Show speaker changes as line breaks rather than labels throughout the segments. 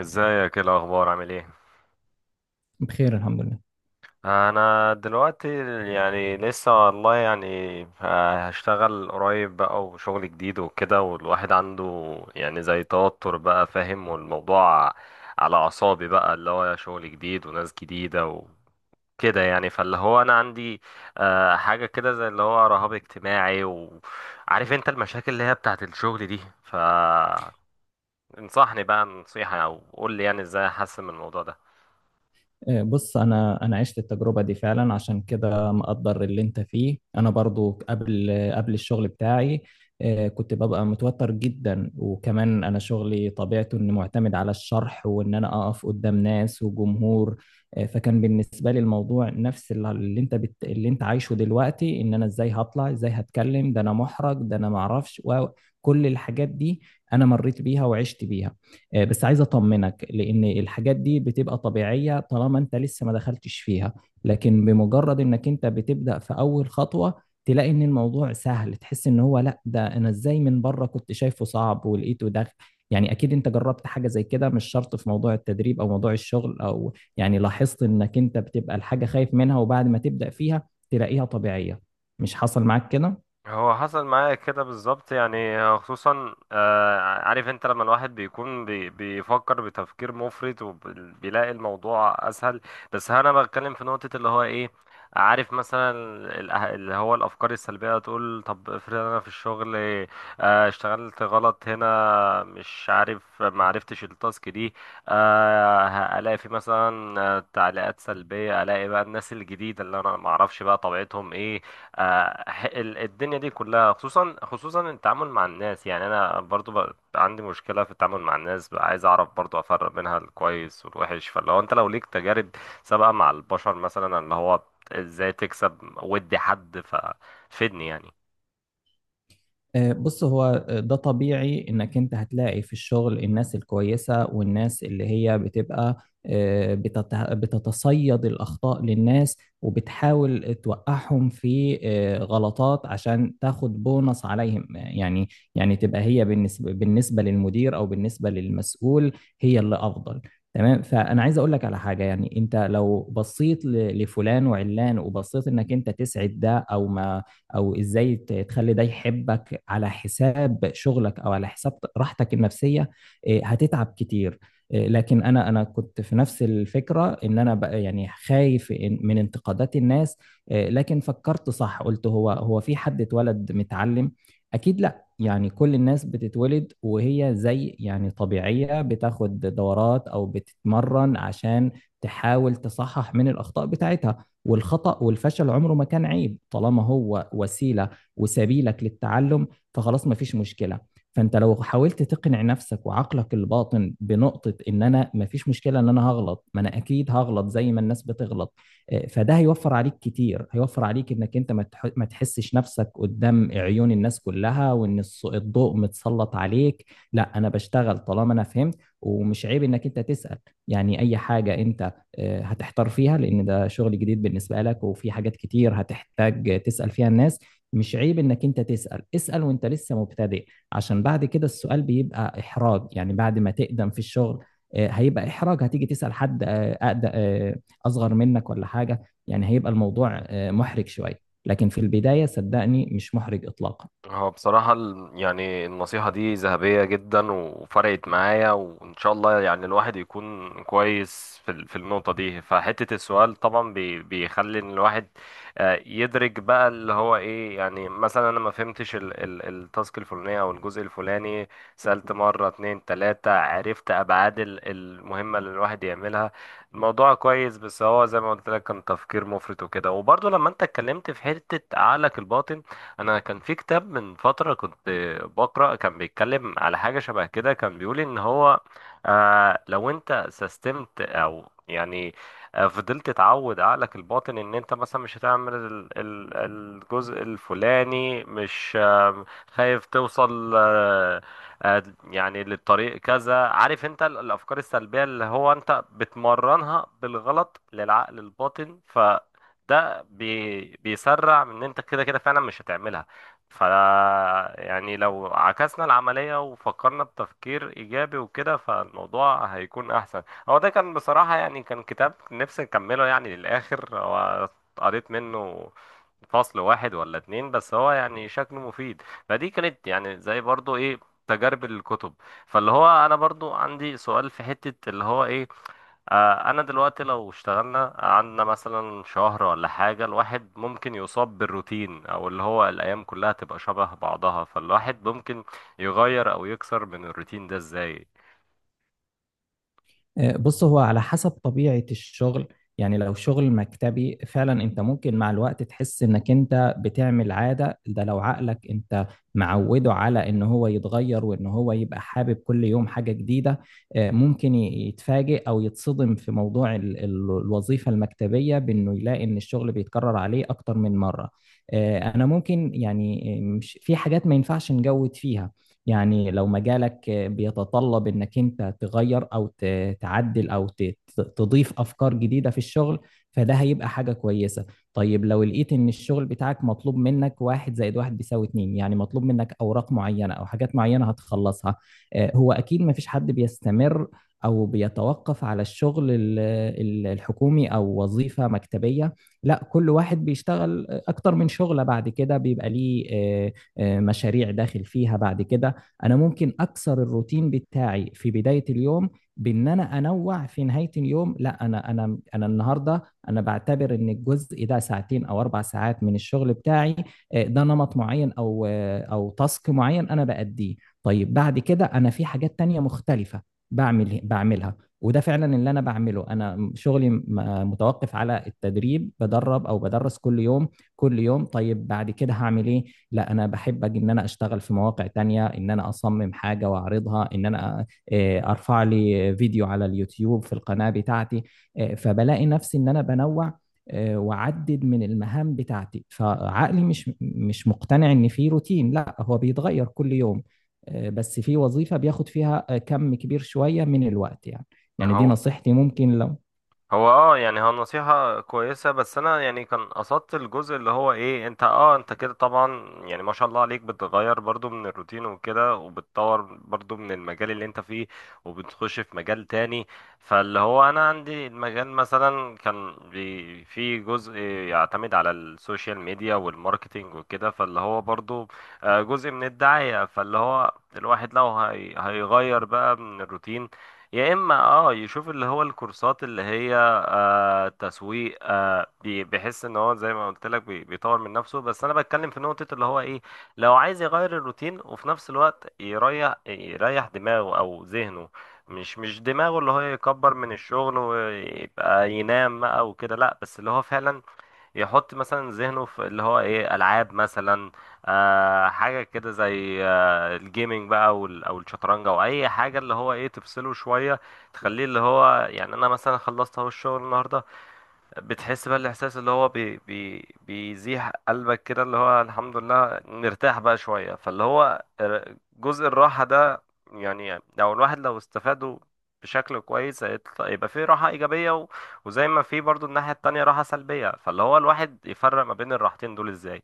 ازيك؟ ايه الاخبار؟ عامل ايه؟
بخير، الحمد لله.
انا دلوقتي يعني لسه والله يعني آه، هشتغل قريب بقى وشغل جديد وكده، والواحد عنده يعني زي توتر بقى، فاهم؟ والموضوع على اعصابي، بقى اللي هو شغل جديد وناس جديدة وكده. يعني فاللي هو انا عندي حاجة كده زي اللي هو رهاب اجتماعي، وعارف انت المشاكل اللي هي بتاعت الشغل دي، ف انصحني بقى نصيحة او قول لي يعني ازاي احسن من الموضوع ده.
بص، انا عشت التجربه دي فعلا، عشان كده مقدر اللي انت فيه. انا برضو قبل الشغل بتاعي كنت ببقى متوتر جدا، وكمان انا شغلي طبيعته انه معتمد على الشرح وان انا اقف قدام ناس وجمهور. فكان بالنسبه لي الموضوع نفس اللي اللي انت عايشه دلوقتي، ان انا ازاي هطلع ازاي هتكلم، ده انا محرج، ده انا معرفش كل الحاجات دي. انا مريت بيها وعشت بيها. بس عايز اطمنك، لان الحاجات دي بتبقى طبيعية طالما انت لسه ما دخلتش فيها. لكن بمجرد انك انت بتبدأ في اول خطوة، تلاقي ان الموضوع سهل، تحس ان هو لا، ده انا ازاي من بره كنت شايفه صعب ولقيته ده. يعني اكيد انت جربت حاجة زي كده، مش شرط في موضوع التدريب او موضوع الشغل، او يعني لاحظت انك انت بتبقى الحاجة خايف منها، وبعد ما تبدأ فيها تلاقيها طبيعية. مش حصل معاك كده؟
هو حصل معايا كده بالظبط، يعني خصوصا عارف انت لما الواحد بيكون بيفكر بتفكير مفرط وبيلاقي الموضوع اسهل. بس انا بتكلم في نقطة اللي هو ايه. عارف مثلا اللي هو الافكار السلبية، تقول طب افرض انا في الشغل اشتغلت غلط هنا، مش عارف، ما عرفتش التاسك دي. الاقي في مثلا تعليقات سلبية، الاقي بقى الناس الجديدة اللي انا ما اعرفش بقى طبيعتهم ايه. الدنيا دي كلها، خصوصا التعامل مع الناس. يعني انا برضو بقى عندي مشكله في التعامل مع الناس، بقى عايز اعرف برضو افرق بينها الكويس والوحش. فلو انت لو ليك تجارب سابقه مع البشر، مثلا اللي هو ازاي تكسب ود حد، ففيدني يعني.
بص، هو ده طبيعي انك انت هتلاقي في الشغل الناس الكويسة، والناس اللي هي بتبقى بتتصيد الأخطاء للناس، وبتحاول توقعهم في غلطات عشان تاخد بونص عليهم، يعني. يعني تبقى هي بالنسبة للمدير أو بالنسبة للمسؤول هي اللي أفضل. تمام، فأنا عايز أقول لك على حاجة. يعني أنت لو بصيت لفلان وعلان، وبصيت إنك أنت تسعد ده أو ما او ازاي تخلي ده يحبك على حساب شغلك او على حساب راحتك النفسية، هتتعب كتير. لكن انا كنت في نفس الفكرة، ان انا بقى يعني خايف من انتقادات الناس. لكن فكرت صح، قلت هو في حد اتولد متعلم؟ اكيد لا. يعني كل الناس بتتولد وهي زي يعني طبيعية، بتاخد دورات او بتتمرن عشان تحاول تصحح من الاخطاء بتاعتها. والخطأ والفشل عمره ما كان عيب طالما هو وسيلة وسبيلك للتعلم. فخلاص، ما فيش مشكلة. فانت لو حاولت تقنع نفسك وعقلك الباطن بنقطة ان انا ما فيش مشكلة ان انا هغلط، ما انا اكيد هغلط زي ما الناس بتغلط. فده هيوفر عليك كتير، هيوفر عليك انك انت ما تحسش نفسك قدام عيون الناس كلها، وان الضوء متسلط عليك. لا، انا بشتغل طالما انا فهمت. ومش عيب انك انت تسأل، يعني اي حاجة انت هتحتار فيها، لان ده شغل جديد بالنسبه لك، وفي حاجات كتير هتحتاج تسال فيها الناس. مش عيب انك انت تسال. اسال وانت لسه مبتدئ، عشان بعد كده السؤال بيبقى احراج. يعني بعد ما تقدم في الشغل هيبقى احراج، هتيجي تسال حد اصغر منك ولا حاجه، يعني هيبقى الموضوع محرج شويه. لكن في البدايه صدقني مش محرج اطلاقا.
هو بصراحة يعني النصيحة دي ذهبية جدا، وفرقت معايا، وإن شاء الله يعني الواحد يكون كويس في في النقطة دي. فحتة السؤال طبعا بيخلي إن الواحد يدرك بقى اللي هو إيه. يعني مثلا أنا ما فهمتش التاسك الفلانية أو الجزء الفلاني، سألت مرة اتنين تلاتة، عرفت أبعاد المهمة اللي الواحد يعملها. الموضوع كويس، بس هو زي ما قلت لك، كان تفكير مفرط وكده. وبرضه لما أنت اتكلمت في حتة عقلك الباطن، انا كان في كتاب من فترة كنت بقرأ، كان بيتكلم على حاجة شبه كده. كان بيقول ان هو آه، لو انت سستمت او يعني فضلت تعود عقلك الباطن ان انت مثلا مش هتعمل الجزء الفلاني، مش خايف توصل آه، يعني للطريق كذا، عارف انت الافكار السلبية اللي هو انت بتمرنها بالغلط للعقل الباطن، ف بيسرع من ان انت كده كده فعلا مش هتعملها. ف يعني لو عكسنا العملية وفكرنا بتفكير ايجابي وكده، فالموضوع هيكون احسن. هو ده كان بصراحة يعني كان كتاب نفسي نكمله يعني للاخر. هو قريت منه فصل واحد ولا اتنين، بس هو يعني شكله مفيد. فدي كانت يعني زي برضو ايه، تجارب الكتب. فاللي هو انا برضو عندي سؤال في حتة اللي هو ايه، انا دلوقتي لو اشتغلنا عندنا مثلا شهر ولا حاجة، الواحد ممكن يصاب بالروتين، او اللي هو الايام كلها تبقى شبه بعضها. فالواحد ممكن يغير او يكسر من الروتين ده ازاي؟
بص، هو على حسب طبيعة الشغل. يعني لو شغل مكتبي فعلا انت ممكن مع الوقت تحس انك انت بتعمل عادة. ده لو عقلك انت معوده على ان هو يتغير وان هو يبقى حابب كل يوم حاجة جديدة، ممكن يتفاجئ او يتصدم في موضوع الوظيفة المكتبية، بانه يلاقي ان الشغل بيتكرر عليه اكتر من مرة. انا ممكن يعني، مش في حاجات ما ينفعش نجود فيها. يعني لو مجالك بيتطلب انك انت تغير او تعدل او تضيف افكار جديدة في الشغل، فده هيبقى حاجة كويسة. طيب لو لقيت ان الشغل بتاعك مطلوب منك واحد زائد واحد بيساوي اتنين، يعني مطلوب منك اوراق معينة او حاجات معينة هتخلصها، هو اكيد مفيش حد بيستمر او بيتوقف على الشغل الحكومي او وظيفة مكتبية. لا، كل واحد بيشتغل اكتر من شغلة، بعد كده بيبقى ليه مشاريع داخل فيها. بعد كده انا ممكن اكسر الروتين بتاعي في بدايه اليوم، بان انا انوع في نهايه اليوم. لا انا انا النهارده انا بعتبر ان الجزء ده ساعتين او 4 ساعات من الشغل بتاعي، ده نمط معين او او تاسك معين انا بأديه. طيب بعد كده انا في حاجات تانية مختلفه بعملها، وده فعلا اللي انا بعمله. انا شغلي متوقف على التدريب، بدرب او بدرس كل يوم كل يوم. طيب بعد كده هعمل ايه؟ لا، انا بحب أجي ان انا اشتغل في مواقع تانية، ان انا اصمم حاجة واعرضها، ان انا ارفع لي فيديو على اليوتيوب في القناة بتاعتي. فبلاقي نفسي ان انا بنوع واعدد من المهام بتاعتي. فعقلي مش مقتنع ان في روتين، لا، هو بيتغير كل يوم. بس في وظيفة بياخد فيها كم كبير شوية من الوقت، يعني. يعني دي
هو
نصيحتي، ممكن لو
هو اه يعني هو نصيحة كويسة، بس انا يعني كان قصدت الجزء اللي هو ايه. انت اه انت كده طبعا يعني ما شاء الله عليك، بتغير برضو من الروتين وكده، وبتطور برضو من المجال اللي انت فيه، وبتخش في مجال تاني. فاللي هو انا عندي المجال مثلا كان بي في جزء يعتمد على السوشيال ميديا والماركتينج وكده، فاللي هو برضو جزء من الدعاية. فاللي هو الواحد لو هيغير بقى من الروتين، يا اما اه يشوف اللي هو الكورسات اللي هي آه تسويق. آه بيحس ان هو زي ما قلت لك بيطور من نفسه. بس انا بتكلم في نقطة اللي هو ايه، لو عايز يغير الروتين وفي نفس الوقت يريح دماغه او ذهنه. مش دماغه اللي هو يكبر من الشغل ويبقى ينام بقى وكده، لا، بس اللي هو فعلا يحط مثلا ذهنه في اللي هو ايه، العاب مثلا. آه حاجه كده زي آه الجيمنج بقى، او او الشطرنج او اي حاجه اللي هو ايه تفصله شويه، تخليه اللي هو يعني انا مثلا خلصت اهو الشغل النهارده. بتحس بقى الاحساس اللي هو بي بي بيزيح قلبك كده، اللي هو الحمد لله نرتاح بقى شويه. فاللي هو جزء الراحه ده يعني لو الواحد لو استفاده بشكل كويس، هيطلع- يبقى فيه راحه ايجابيه، و- وزي ما فيه برضو الناحيه التانية راحه سلبيه. فاللي هو الواحد يفرق ما بين الراحتين دول ازاي؟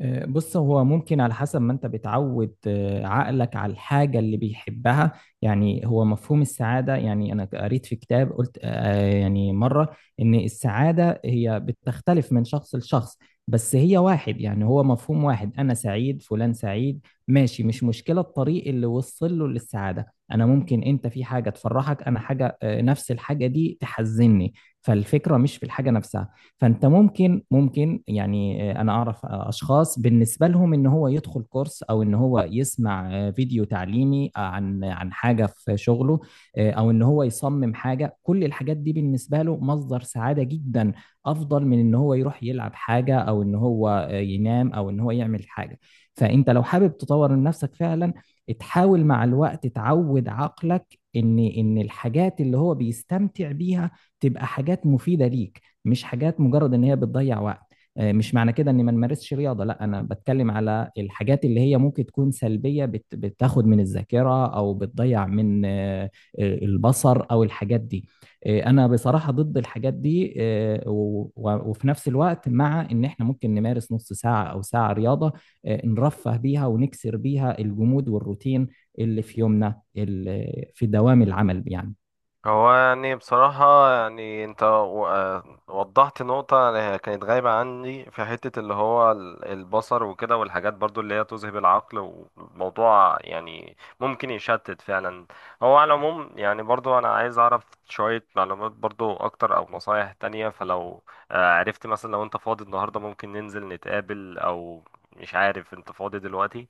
بص، هو ممكن على حسب ما انت بتعود عقلك على الحاجة اللي بيحبها. يعني هو مفهوم السعادة، يعني انا قريت في كتاب قلت يعني مرة، ان السعادة هي بتختلف من شخص لشخص، بس هي واحد، يعني هو مفهوم واحد. انا سعيد، فلان سعيد، ماشي، مش مشكلة. الطريق اللي وصل له للسعادة انا ممكن، انت في حاجة تفرحك، انا حاجة نفس الحاجة دي تحزني. فالفكرة مش في الحاجة نفسها. فانت ممكن يعني انا اعرف اشخاص بالنسبه لهم ان هو يدخل كورس، او ان هو يسمع فيديو تعليمي عن حاجه في شغله، او ان هو يصمم حاجه. كل الحاجات دي بالنسبه له مصدر سعاده جدا، افضل من ان هو يروح يلعب حاجه، او ان هو ينام، او ان هو يعمل حاجه. فانت لو حابب تطور من نفسك فعلا، تحاول مع الوقت تعود عقلك ان الحاجات اللي هو بيستمتع بيها تبقى حاجات مفيده ليك، مش حاجات مجرد ان هي بتضيع وقت. مش معنى كده اني ما نمارسش رياضه، لا، انا بتكلم على الحاجات اللي هي ممكن تكون سلبيه بتاخد من الذاكره او بتضيع من البصر او الحاجات دي. انا بصراحه ضد الحاجات دي. وفي نفس الوقت مع ان احنا ممكن نمارس نص ساعه او ساعه رياضه، نرفه بيها ونكسر بيها الجمود والروتين اللي في يومنا في دوام العمل، يعني.
هو يعني بصراحة يعني انت و- آه وضحت نقطة يعني كانت غايبة عني في حتة اللي هو البصر وكده، والحاجات برضو اللي هي تذهب العقل، وموضوع يعني ممكن يشتت فعلا. هو على العموم يعني برضو انا عايز اعرف شوية معلومات برضو اكتر او نصايح تانية. فلو عرفت مثلا، لو انت فاضي النهاردة ممكن ننزل نتقابل، او مش عارف، انت فاضي دلوقتي؟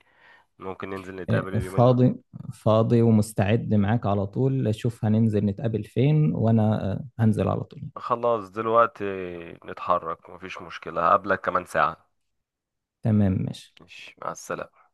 ممكن ننزل نتقابل اليومين دول.
فاضي. فاضي ومستعد معاك على طول. شوف هننزل نتقابل فين، وانا هنزل على طول.
خلاص دلوقتي نتحرك، مفيش مشكلة، هقابلك كمان ساعة.
تمام، ماشي.
ماشي، مع السلامة.